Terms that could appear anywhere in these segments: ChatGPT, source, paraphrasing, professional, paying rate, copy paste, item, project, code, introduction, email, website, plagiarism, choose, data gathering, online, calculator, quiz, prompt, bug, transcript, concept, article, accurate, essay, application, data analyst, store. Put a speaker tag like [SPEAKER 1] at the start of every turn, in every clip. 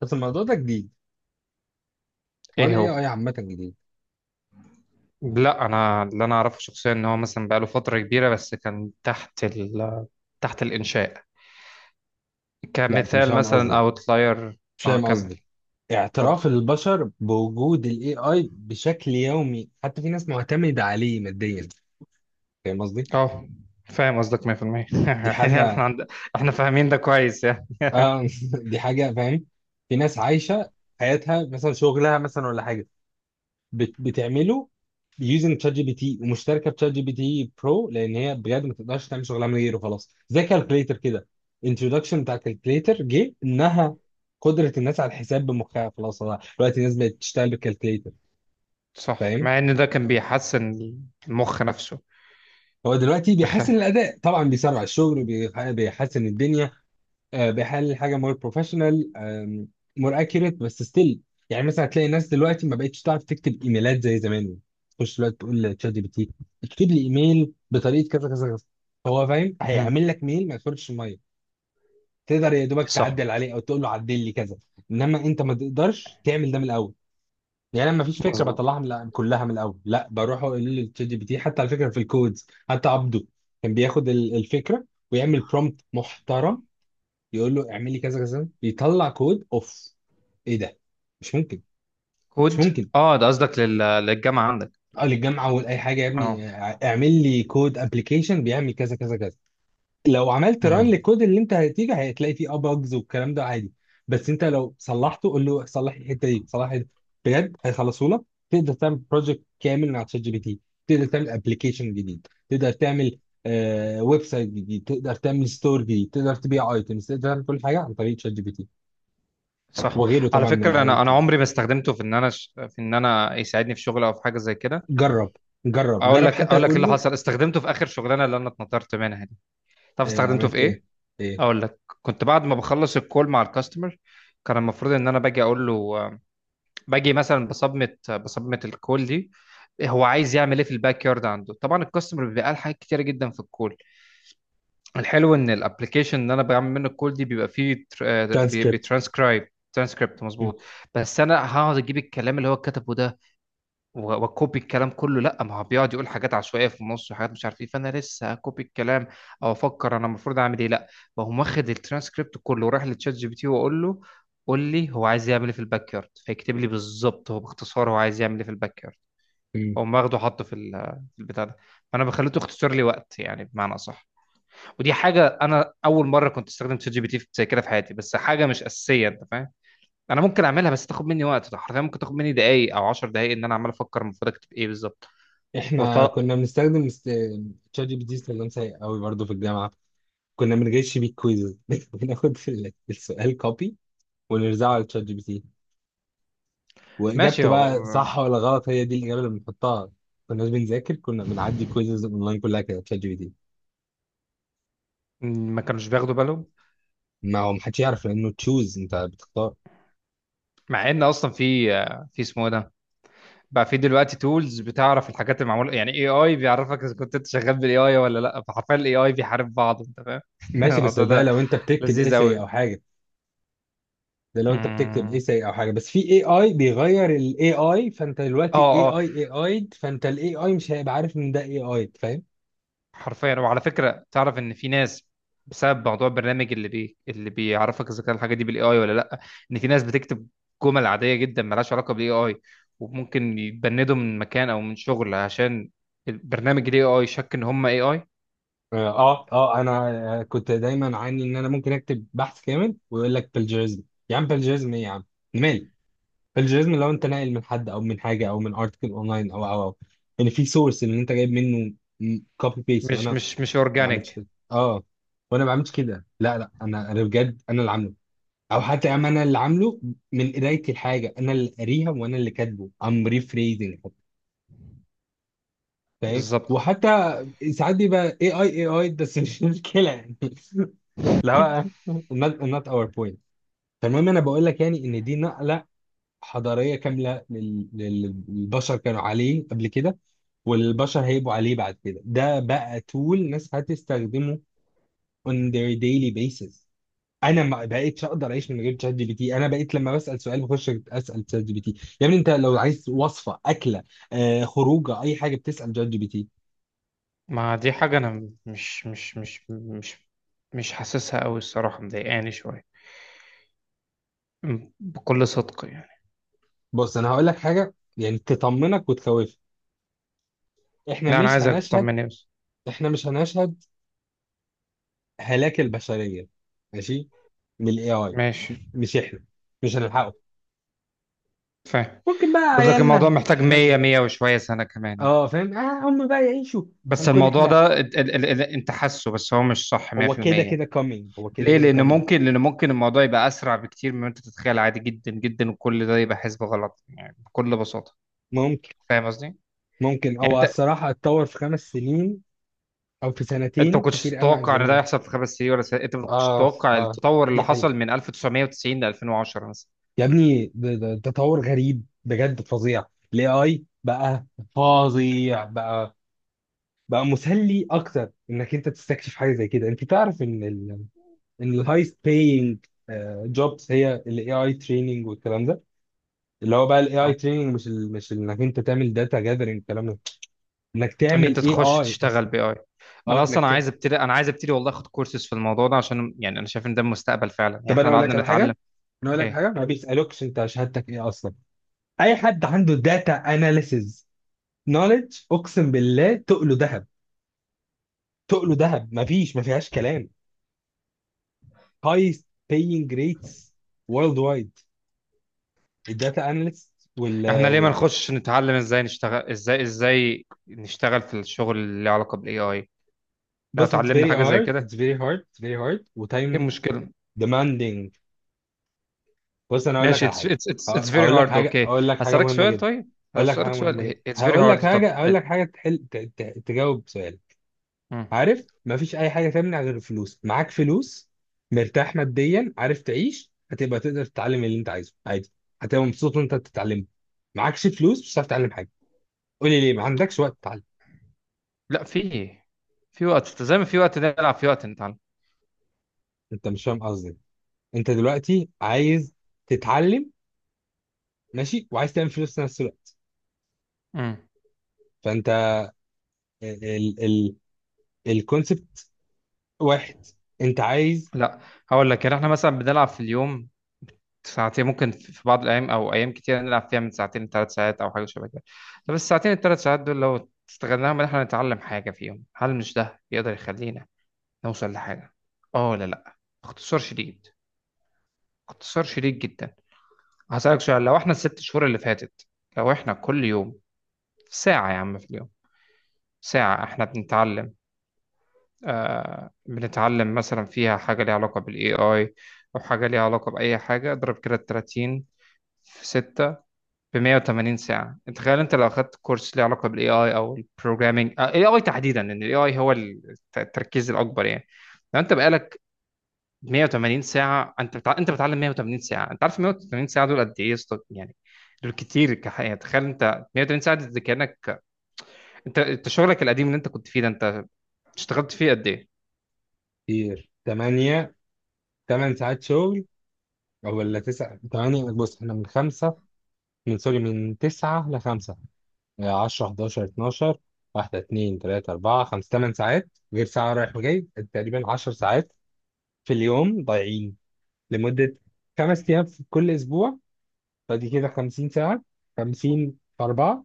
[SPEAKER 1] بس الموضوع ده جديد. حوار
[SPEAKER 2] ايه
[SPEAKER 1] الاي
[SPEAKER 2] هو.
[SPEAKER 1] اي عامة جديد.
[SPEAKER 2] لا انا اللي اعرفه شخصيا ان هو مثلا بقاله فتره كبيره بس كان تحت الانشاء،
[SPEAKER 1] لا انت مش
[SPEAKER 2] كمثال
[SPEAKER 1] فاهم
[SPEAKER 2] مثلا
[SPEAKER 1] قصدي،
[SPEAKER 2] اوتلاير.
[SPEAKER 1] مش
[SPEAKER 2] اه،
[SPEAKER 1] فاهم
[SPEAKER 2] كمل.
[SPEAKER 1] قصدي
[SPEAKER 2] اتفضل.
[SPEAKER 1] اعتراف البشر بوجود الاي اي بشكل يومي، حتى في ناس معتمدة عليه ماديا. فاهم قصدي؟
[SPEAKER 2] اه، فاهم قصدك 100% يعني
[SPEAKER 1] دي
[SPEAKER 2] احنا
[SPEAKER 1] حاجة.
[SPEAKER 2] عند... احنا فاهمين ده كويس يعني.
[SPEAKER 1] اه دي حاجة فاهم. في ناس عايشة حياتها مثلا، شغلها مثلا ولا حاجة بتعمله بيوزنج تشات جي بي تي، ومشتركه بتشات جي بي تي برو، لان هي بجد ما تقدرش تعمل شغلها من غيره خلاص، زي كالكليتر كده. انتروداكشن بتاع كالكليتر جه انها قدره الناس على الحساب بمخها خلاص، هو دلوقتي الناس بقت تشتغل بالكالكليتر.
[SPEAKER 2] صح،
[SPEAKER 1] فاهم؟
[SPEAKER 2] مع ان ده كان بيحسن المخ نفسه.
[SPEAKER 1] هو دلوقتي
[SPEAKER 2] بخ...
[SPEAKER 1] بيحسن الاداء طبعا، بيسرع الشغل، بيحسن الدنيا. آه، بيحلل حاجه مور بروفيشنال، مور اكيوريت، بس ستيل يعني مثلا هتلاقي ناس دلوقتي ما بقتش تعرف تكتب ايميلات زي زمان. تخش دلوقتي تقول لتشات جي بي تي اكتب لي ايميل بطريقه كذا كذا كذا، هو فاهم،
[SPEAKER 2] مهم.
[SPEAKER 1] هيعمل لك ميل ما يخرجش الميه. تقدر يا دوبك
[SPEAKER 2] صح.
[SPEAKER 1] تعدل عليه او تقول له عدل لي كذا، انما انت ما تقدرش تعمل ده من الاول. يعني انا ما فيش فكره
[SPEAKER 2] مظبوط.
[SPEAKER 1] بطلعها من كلها من الاول، لا بروح اقول للتشات جي بي تي. حتى على فكره في الكودز حتى عبده كان بياخد الفكره ويعمل برومبت محترم، يقول له اعمل لي كذا كذا، يطلع كود اوف. ايه ده؟ مش ممكن. مش
[SPEAKER 2] كود.
[SPEAKER 1] ممكن.
[SPEAKER 2] اه، ده قصدك للجامعه عندك.
[SPEAKER 1] اه للجامعه، اول اي حاجه يا
[SPEAKER 2] اه.
[SPEAKER 1] ابني، اه، اعمل لي كود ابلكيشن بيعمل كذا كذا كذا. لو عملت ران
[SPEAKER 2] مهم.
[SPEAKER 1] للكود اللي انت هتيجي هتلاقي فيه اه bugs والكلام ده عادي، بس انت لو صلحته قول له صلح لي الحته دي، صلح لي، بجد هيخلصوا لك. تقدر تعمل بروجكت كامل مع تشات جي بي تي، تقدر تعمل ابلكيشن جديد، تقدر تعمل ويب سايت جديد، تقدر تعمل ستور جديد، تقدر تبيع ايتمز، تقدر تعمل كل حاجه عن طريق تشات جي بي تي
[SPEAKER 2] صح.
[SPEAKER 1] وغيره
[SPEAKER 2] على
[SPEAKER 1] طبعا من
[SPEAKER 2] فكره،
[SPEAKER 1] الاي
[SPEAKER 2] انا
[SPEAKER 1] تي.
[SPEAKER 2] عمري ما استخدمته في ان انا في ان انا يساعدني في شغل او في حاجه زي كده.
[SPEAKER 1] جرب، جرب،
[SPEAKER 2] اقول
[SPEAKER 1] جرب
[SPEAKER 2] لك
[SPEAKER 1] حتى،
[SPEAKER 2] اقول لك ايه
[SPEAKER 1] تقول
[SPEAKER 2] اللي
[SPEAKER 1] له
[SPEAKER 2] حصل، استخدمته في اخر شغلانه اللي انا اتنطرت منها دي. تعرف
[SPEAKER 1] إيه
[SPEAKER 2] استخدمته في
[SPEAKER 1] عملت ايه
[SPEAKER 2] ايه؟
[SPEAKER 1] ايه
[SPEAKER 2] اقول لك، كنت بعد ما بخلص الكول مع الكاستمر، كان المفروض ان انا باجي اقول له آه، باجي مثلا بصمت بصمت الكول دي هو عايز يعمل ايه في الباك يارد عنده. طبعا الكاستمر بيبقى قال حاجات كتيره جدا في الكول. الحلو ان الابلكيشن اللي انا بعمل منه الكول دي بيبقى فيه
[SPEAKER 1] ترانسكريبت.
[SPEAKER 2] بيترانسكرايب ترانسكريبت مظبوط. بس انا هقعد اجيب الكلام اللي هو كتبه ده واكوبي الكلام كله؟ لا، ما هو بيقعد يقول حاجات عشوائيه في النص وحاجات مش عارف ايه، فانا لسه اكوبي الكلام او افكر انا المفروض اعمل ايه؟ لا، بقوم واخد الترانسكريبت كله ورايح لتشات جي بي تي واقول له قول لي هو عايز يعمل ايه في الباك يارد، فيكتب لي بالظبط هو باختصار هو عايز يعمل ايه في الباك يارد. اقوم واخده حاطه في في البتاع ده. فانا بخليته يختصر لي وقت يعني، بمعنى اصح. ودي حاجه انا اول مره كنت استخدم تشات جي بي تي زي كده في حياتي، بس حاجه مش اساسيه، انت فاهم. انا ممكن اعملها بس تاخد مني وقت، ده حرفيا ممكن تاخد مني دقايق او 10 دقايق ان انا عمال افكر المفروض اكتب ايه بالظبط.
[SPEAKER 1] احنا
[SPEAKER 2] وط...
[SPEAKER 1] كنا تشات جي بي تي استخدام سيء قوي برضه في الجامعه. كنا بنجيش بيه كويز بناخد السؤال كوبي ونرزعه على تشات جي بي تي،
[SPEAKER 2] ماشي.
[SPEAKER 1] واجابته بقى
[SPEAKER 2] هو
[SPEAKER 1] صح ولا غلط هي دي الاجابه اللي بنحطها. كنا بنذاكر، كنا بنعدي كويزز اونلاين كلها كده تشات جي بي تي.
[SPEAKER 2] ما كانوش بياخدوا بالهم.
[SPEAKER 1] ما هو محدش يعرف لانه تشوز، انت بتختار.
[SPEAKER 2] مع ان اصلا في، في اسمه إيه ده بقى، في دلوقتي تولز بتعرف الحاجات المعموله، يعني اي اي بيعرفك اذا كنت انت شغال بالاي اي ولا لا، فحرفيا الاي اي بيحارب بعض، انت فاهم
[SPEAKER 1] ماشي، بس
[SPEAKER 2] الموضوع
[SPEAKER 1] ده
[SPEAKER 2] ده
[SPEAKER 1] لو انت بتكتب
[SPEAKER 2] لذيذ
[SPEAKER 1] ايساي
[SPEAKER 2] قوي.
[SPEAKER 1] او حاجه. ده لو انت بتكتب
[SPEAKER 2] اه،
[SPEAKER 1] ايساي او حاجه، بس في اي اي بيغير الاي اي، فانت دلوقتي اي
[SPEAKER 2] اه،
[SPEAKER 1] اي اي اي، فانت الاي اي مش هيبقى عارف ان ده اي اي، فاهم؟
[SPEAKER 2] حرفيا. وعلى فكرة، تعرف ان في ناس، بسبب موضوع البرنامج اللي اللي بيعرفك اذا كان الحاجة دي بالاي اي ولا لا، ان في ناس بتكتب جمل عادية جدا ملهاش علاقة بالاي اي وممكن يتبندوا من مكان او من شغل عشان البرنامج الاي اي شك ان هم اي اي.
[SPEAKER 1] اه اه، انا كنت دايما عاني ان انا ممكن اكتب بحث كامل ويقول لك بلجيرزم. يا عم بلجيرزم ايه يا عم؟ مالي؟ بلجيرزم لو انت ناقل من حد او من حاجه او من ارتكل اونلاين او او او، ان في سورس ان انت جايب منه كوبي بيست، وانا
[SPEAKER 2] مش
[SPEAKER 1] ما
[SPEAKER 2] مش مش
[SPEAKER 1] بعملش
[SPEAKER 2] اورجانيك.
[SPEAKER 1] كده. اه، وانا ما بعملش كده. لا لا، انا بجد انا اللي عامله، او حتى يا عم انا اللي عامله من قرايه الحاجه، انا اللي قاريها وانا اللي كاتبه ام ريفريزنج. فاهم؟
[SPEAKER 2] بالظبط
[SPEAKER 1] وحتى ساعات بيبقى اي اي اي اي، بس مش مشكله يعني. لا، not, our point. فالمهم انا بقول لك يعني ان دي نقله حضاريه كامله للبشر كانوا عليه قبل كده، والبشر هيبقوا عليه بعد كده. ده بقى tool ناس هتستخدمه on their daily basis. انا ما بقيتش اقدر اعيش من غير شات جي بي تي. انا بقيت لما بسال سؤال بخش اسال شات جي بي تي. يا ابني انت لو عايز وصفه اكله، آه خروجه، اي حاجه بتسال شات جي بي تي.
[SPEAKER 2] ما دي حاجة انا مش حاسسها قوي الصراحة، مضايقاني شوية، بكل صدق يعني.
[SPEAKER 1] بص انا هقول لك حاجه يعني تطمنك وتخوفك. احنا
[SPEAKER 2] لا، انا
[SPEAKER 1] مش
[SPEAKER 2] عايزك
[SPEAKER 1] هنشهد،
[SPEAKER 2] تطمني بس.
[SPEAKER 1] احنا مش هنشهد هلاك البشريه، ماشي، من الاي اي.
[SPEAKER 2] ماشي.
[SPEAKER 1] مش احنا، مش هنلحقه.
[SPEAKER 2] فاهم
[SPEAKER 1] ممكن بقى
[SPEAKER 2] قصدك. الموضوع
[SPEAKER 1] عيالنا،
[SPEAKER 2] محتاج
[SPEAKER 1] احفادنا.
[SPEAKER 2] 100 100 وشوية سنة كمان يعني.
[SPEAKER 1] اه فاهم، اه هم بقى يعيشوا.
[SPEAKER 2] بس
[SPEAKER 1] هنكون
[SPEAKER 2] الموضوع
[SPEAKER 1] احنا.
[SPEAKER 2] ده ال ال ال ال انت حاسه، بس هو مش صح
[SPEAKER 1] هو كده
[SPEAKER 2] 100%.
[SPEAKER 1] كده coming، هو كده
[SPEAKER 2] ليه؟
[SPEAKER 1] كده
[SPEAKER 2] لأن
[SPEAKER 1] coming.
[SPEAKER 2] ممكن لأن ممكن الموضوع يبقى أسرع بكتير مما أنت تتخيل، عادي جدا جدا، وكل ده يبقى حسبة غلط يعني، بكل بساطة.
[SPEAKER 1] ممكن.
[SPEAKER 2] فاهم قصدي؟ يعني
[SPEAKER 1] ممكن هو
[SPEAKER 2] أنت
[SPEAKER 1] الصراحة اتطور في خمس سنين او في
[SPEAKER 2] أنت ما
[SPEAKER 1] سنتين
[SPEAKER 2] كنتش
[SPEAKER 1] كتير قوي عن
[SPEAKER 2] تتوقع إن
[SPEAKER 1] زمان.
[SPEAKER 2] ده يحصل في خمس سنين ولا سنة. أنت ما كنتش
[SPEAKER 1] اه
[SPEAKER 2] تتوقع
[SPEAKER 1] اه،
[SPEAKER 2] التطور اللي
[SPEAKER 1] دي حقيقة.
[SPEAKER 2] حصل من 1990 ل 2010 مثلا.
[SPEAKER 1] يا ابني ده تطور غريب بجد، فظيع الاي اي بقى، فظيع بقى. بقى مسلي اكتر انك انت تستكشف حاجه زي كده. انت تعرف ان الهايست باينج جوبز هي الاي اي تريننج والكلام ده، اللي هو بقى الاي
[SPEAKER 2] اه.
[SPEAKER 1] اي تريننج، مش انك انت تعمل داتا جاذرنج الكلام ده، انك
[SPEAKER 2] إن أنت
[SPEAKER 1] تعمل اي
[SPEAKER 2] تخش
[SPEAKER 1] اي
[SPEAKER 2] تشتغل
[SPEAKER 1] اصلا.
[SPEAKER 2] بي آي. انا
[SPEAKER 1] اه انك
[SPEAKER 2] اصلا
[SPEAKER 1] تعمل.
[SPEAKER 2] عايز ابتدي، انا عايز ابتدي والله اخد كورسز في الموضوع ده، عشان يعني انا شايف ان ده المستقبل فعلا، يعني
[SPEAKER 1] طب انا
[SPEAKER 2] احنا لو
[SPEAKER 1] اقول
[SPEAKER 2] قعدنا
[SPEAKER 1] لك على حاجه،
[SPEAKER 2] نتعلم
[SPEAKER 1] انا اقول لك حاجه،
[SPEAKER 2] ايه.
[SPEAKER 1] ما بيسالوكش انت شهادتك ايه اصلا. اي حد عنده داتا اناليسز نوليدج، اقسم بالله تقله ذهب، تقله ذهب، مفيش ما فيهاش كلام. هايست paying rates world wide الداتا اناليست وال
[SPEAKER 2] احنا ليه ما
[SPEAKER 1] وال
[SPEAKER 2] نخش نتعلم ازاي نشتغل، ازاي ازاي نشتغل في الشغل اللي له علاقه بالاي اي؟ لو
[SPEAKER 1] بص it's
[SPEAKER 2] اتعلمنا
[SPEAKER 1] very
[SPEAKER 2] حاجه زي
[SPEAKER 1] hard،
[SPEAKER 2] كده، ايه
[SPEAKER 1] وتايم
[SPEAKER 2] المشكله؟
[SPEAKER 1] demanding. بص انا هقول لك
[SPEAKER 2] ماشي،
[SPEAKER 1] على
[SPEAKER 2] اتس
[SPEAKER 1] حاجه.
[SPEAKER 2] اتس اتس اتس فيري
[SPEAKER 1] هقول لك
[SPEAKER 2] هارد،
[SPEAKER 1] حاجه،
[SPEAKER 2] اوكي.
[SPEAKER 1] هقول لك حاجه
[SPEAKER 2] هسألك
[SPEAKER 1] مهمه
[SPEAKER 2] سؤال
[SPEAKER 1] جدا،
[SPEAKER 2] طيب، هسألك سؤال، اتس فيري
[SPEAKER 1] هقول لك
[SPEAKER 2] هارد، طب
[SPEAKER 1] حاجه، هقول لك حاجه تحل تجاوب سؤالك.
[SPEAKER 2] مم.
[SPEAKER 1] عارف مفيش اي حاجه تمنع غير الفلوس. معاك فلوس، مرتاح ماديا، عارف تعيش، هتبقى تقدر تتعلم اللي انت عايزه عادي، هتبقى مبسوط وانت بتتعلمه. معكش فلوس مش هتعرف تتعلم حاجه. قولي ليه ما عندكش وقت تتعلم؟
[SPEAKER 2] لا، في إيه؟ في وقت زي ما في وقت نلعب، في وقت نتعلم.
[SPEAKER 1] انت مش فاهم قصدي. انت دلوقتي عايز تتعلم، ماشي، وعايز تعمل فلوس في نفس الوقت،
[SPEAKER 2] مم.
[SPEAKER 1] فانت ال ال الكونسبت واحد. انت عايز.
[SPEAKER 2] لا، هقول لك، يعني احنا مثلا بنلعب في اليوم ساعتين، ممكن في بعض الأيام أو أيام كتير نلعب فيها من ساعتين لثلاث ساعات، أو حاجة شبه كده. طب الساعتين الثلاث ساعات دول لو استغلناهم إن إحنا نتعلم حاجة فيهم، هل مش ده يقدر يخلينا نوصل لحاجة؟ آه ولا لأ؟ اختصار شديد، اختصار شديد جدا. هسألك سؤال، لو إحنا الست شهور اللي فاتت، لو إحنا كل يوم ساعة، يا عم في اليوم ساعة، إحنا بنتعلم، آه، بنتعلم مثلا فيها حاجة ليها علاقة بال AI أو حاجة ليها علاقة بأي حاجة، اضرب كده 30 في 6، ب 180 ساعة. انت تخيل، انت لو اخدت كورس ليه علاقة بالاي اي او البروجرامينج، الاي اي تحديدا لان الاي اي هو التركيز الاكبر يعني. لو انت بقالك 180 ساعة، انت انت بتعلم 180 ساعة، انت عارف 180 ساعة دول قد ايه يا اسطى؟ يعني دول كتير كحقيقة. تخيل انت 180 ساعة دي كأنك انت، انت شغلك القديم اللي انت كنت فيه ده، انت اشتغلت فيه قد ايه؟
[SPEAKER 1] كتير. 8، 8 ساعات شغل. او ولا 9. 8. بص احنا من 5، من سوري، من 9 ل 5. 10، 11، 12. واحدة، اتنين، تلاتة، أربعة، خمسة، تمن ساعات، غير ساعة رايح وجاي، تقريبا 10 ساعات في اليوم ضايعين، لمدة خمس أيام في كل أسبوع. فدي كده 50 ساعة. 50 في أربعة،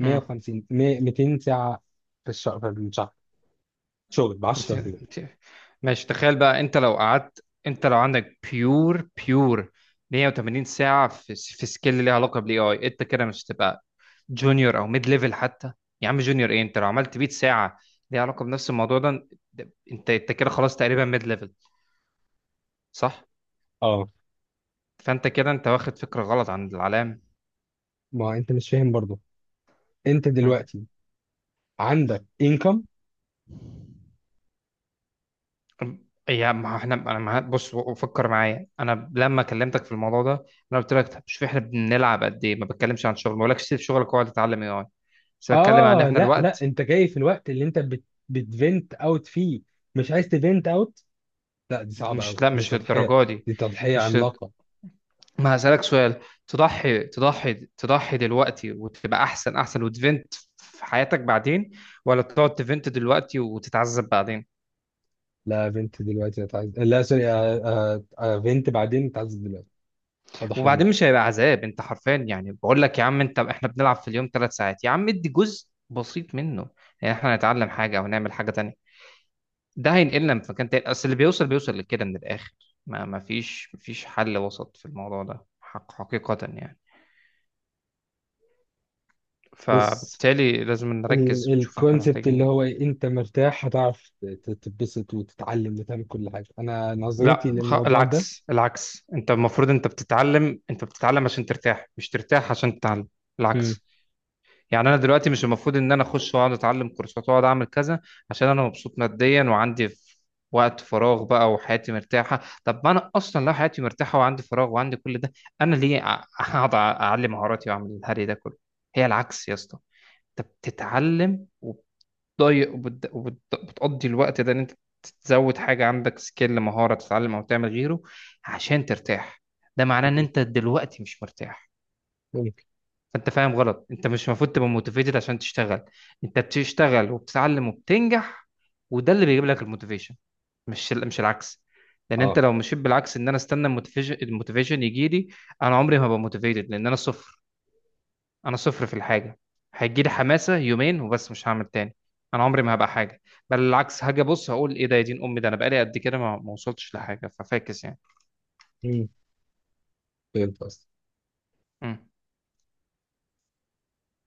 [SPEAKER 2] مم.
[SPEAKER 1] 200 ساعة في الشهر. شغل ب
[SPEAKER 2] بت-
[SPEAKER 1] 10 في اليوم.
[SPEAKER 2] بت- ماشي، تخيل بقى انت لو قعدت، انت لو عندك بيور بيور 180 ساعة في في سكيل ليها علاقة بالاي اي، انت كده مش هتبقى جونيور او ميد ليفل حتى. يا عم جونيور ايه، انت لو عملت 100 ساعة ليها علاقة بنفس الموضوع ده، انت، انت كده خلاص تقريبا ميد ليفل. صح.
[SPEAKER 1] اه.
[SPEAKER 2] فانت كده انت واخد فكرة غلط عن العلام.
[SPEAKER 1] ما أنت مش فاهم برضه. أنت دلوقتي عندك income.
[SPEAKER 2] هم. يا ما احنا، انا، ما بص فكر معايا، انا لما كلمتك في الموضوع ده انا قلت لك طب شوف احنا بنلعب قد ايه، ما بتكلمش عن شغل، ما بقولكش سيب شغلك واقعد تتعلم اي اي، بس بتكلم عن ان
[SPEAKER 1] اه
[SPEAKER 2] احنا
[SPEAKER 1] لا لا،
[SPEAKER 2] الوقت.
[SPEAKER 1] أنت جاي في الوقت اللي أنت بتفنت اوت فيه، مش عايز تفنت اوت. لا دي صعبة أوي،
[SPEAKER 2] مش لا،
[SPEAKER 1] دي
[SPEAKER 2] مش
[SPEAKER 1] تضحية،
[SPEAKER 2] للدرجه دي.
[SPEAKER 1] دي تضحية
[SPEAKER 2] مش لد-
[SPEAKER 1] عملاقة.
[SPEAKER 2] ما هسألك سؤال، تضحي دلوقتي وتبقى احسن وتفنت في حياتك بعدين، ولا تقعد تفنت دلوقتي وتتعذب بعدين؟
[SPEAKER 1] لا بنت دلوقتي هتعز، لا سوري، آه، آه، آه، بنت بعدين هتعز، دلوقتي أضحي
[SPEAKER 2] وبعدين
[SPEAKER 1] دلوقتي.
[SPEAKER 2] مش هيبقى عذاب، انت حرفيا، يعني بقول لك يا عم انت، احنا بنلعب في اليوم ثلاث ساعات يا عم، ادي جزء بسيط منه يعني احنا نتعلم حاجه او نعمل حاجه تانية، ده هينقلنا من مكان تاني، اصل اللي بيوصل لكده من الاخر، ما فيش حل وسط في الموضوع ده، حقيقه يعني.
[SPEAKER 1] بص
[SPEAKER 2] فبالتالي لازم نركز ونشوف احنا
[SPEAKER 1] الكونسبت
[SPEAKER 2] محتاجين
[SPEAKER 1] اللي هو
[SPEAKER 2] ايه.
[SPEAKER 1] إيه، انت مرتاح هتعرف تتبسط وتتعلم وتعمل كل حاجة. انا نظرتي
[SPEAKER 2] لا،
[SPEAKER 1] للموضوع ده.
[SPEAKER 2] العكس، انت المفروض، انت بتتعلم، انت بتتعلم عشان ترتاح، مش ترتاح عشان تتعلم.
[SPEAKER 1] مم.
[SPEAKER 2] العكس. يعني انا دلوقتي مش المفروض ان انا اخش واقعد اتعلم كورسات واقعد اعمل كذا عشان انا مبسوط ماديا وعندي وقت فراغ بقى وحياتي مرتاحه. طب ما انا اصلا لو حياتي مرتاحه وعندي فراغ وعندي كل ده، انا ليه اقعد اعلم مهاراتي واعمل الهري ده كله؟ هي العكس يا اسطى، انت بتتعلم وبتضيق وبتقضي الوقت ده ان انت تزود حاجه عندك، سكيل، مهاره، تتعلم او تعمل غيره، عشان ترتاح. ده معناه ان انت دلوقتي مش مرتاح.
[SPEAKER 1] ممكن.
[SPEAKER 2] فانت فاهم غلط، انت مش المفروض تبقى موتيفيتد عشان تشتغل، انت بتشتغل وبتتعلم وبتنجح وده اللي بيجيب لك الموتيفيشن، مش مش العكس. لان انت
[SPEAKER 1] اه.
[SPEAKER 2] لو مشيت بالعكس ان انا استنى الموتيفيشن يجي لي، انا عمري ما هبقى موتيفيتد لان انا صفر، انا صفر في الحاجه، هيجي لي حماسه يومين وبس مش هعمل تاني، انا عمري ما هبقى حاجه. بل العكس، هاجي ابص هقول ايه ده يا دين امي، ده انا بقالي قد كده ما وصلتش لحاجه، ففاكس يعني.
[SPEAKER 1] مم. فهمت قصدك.
[SPEAKER 2] مم.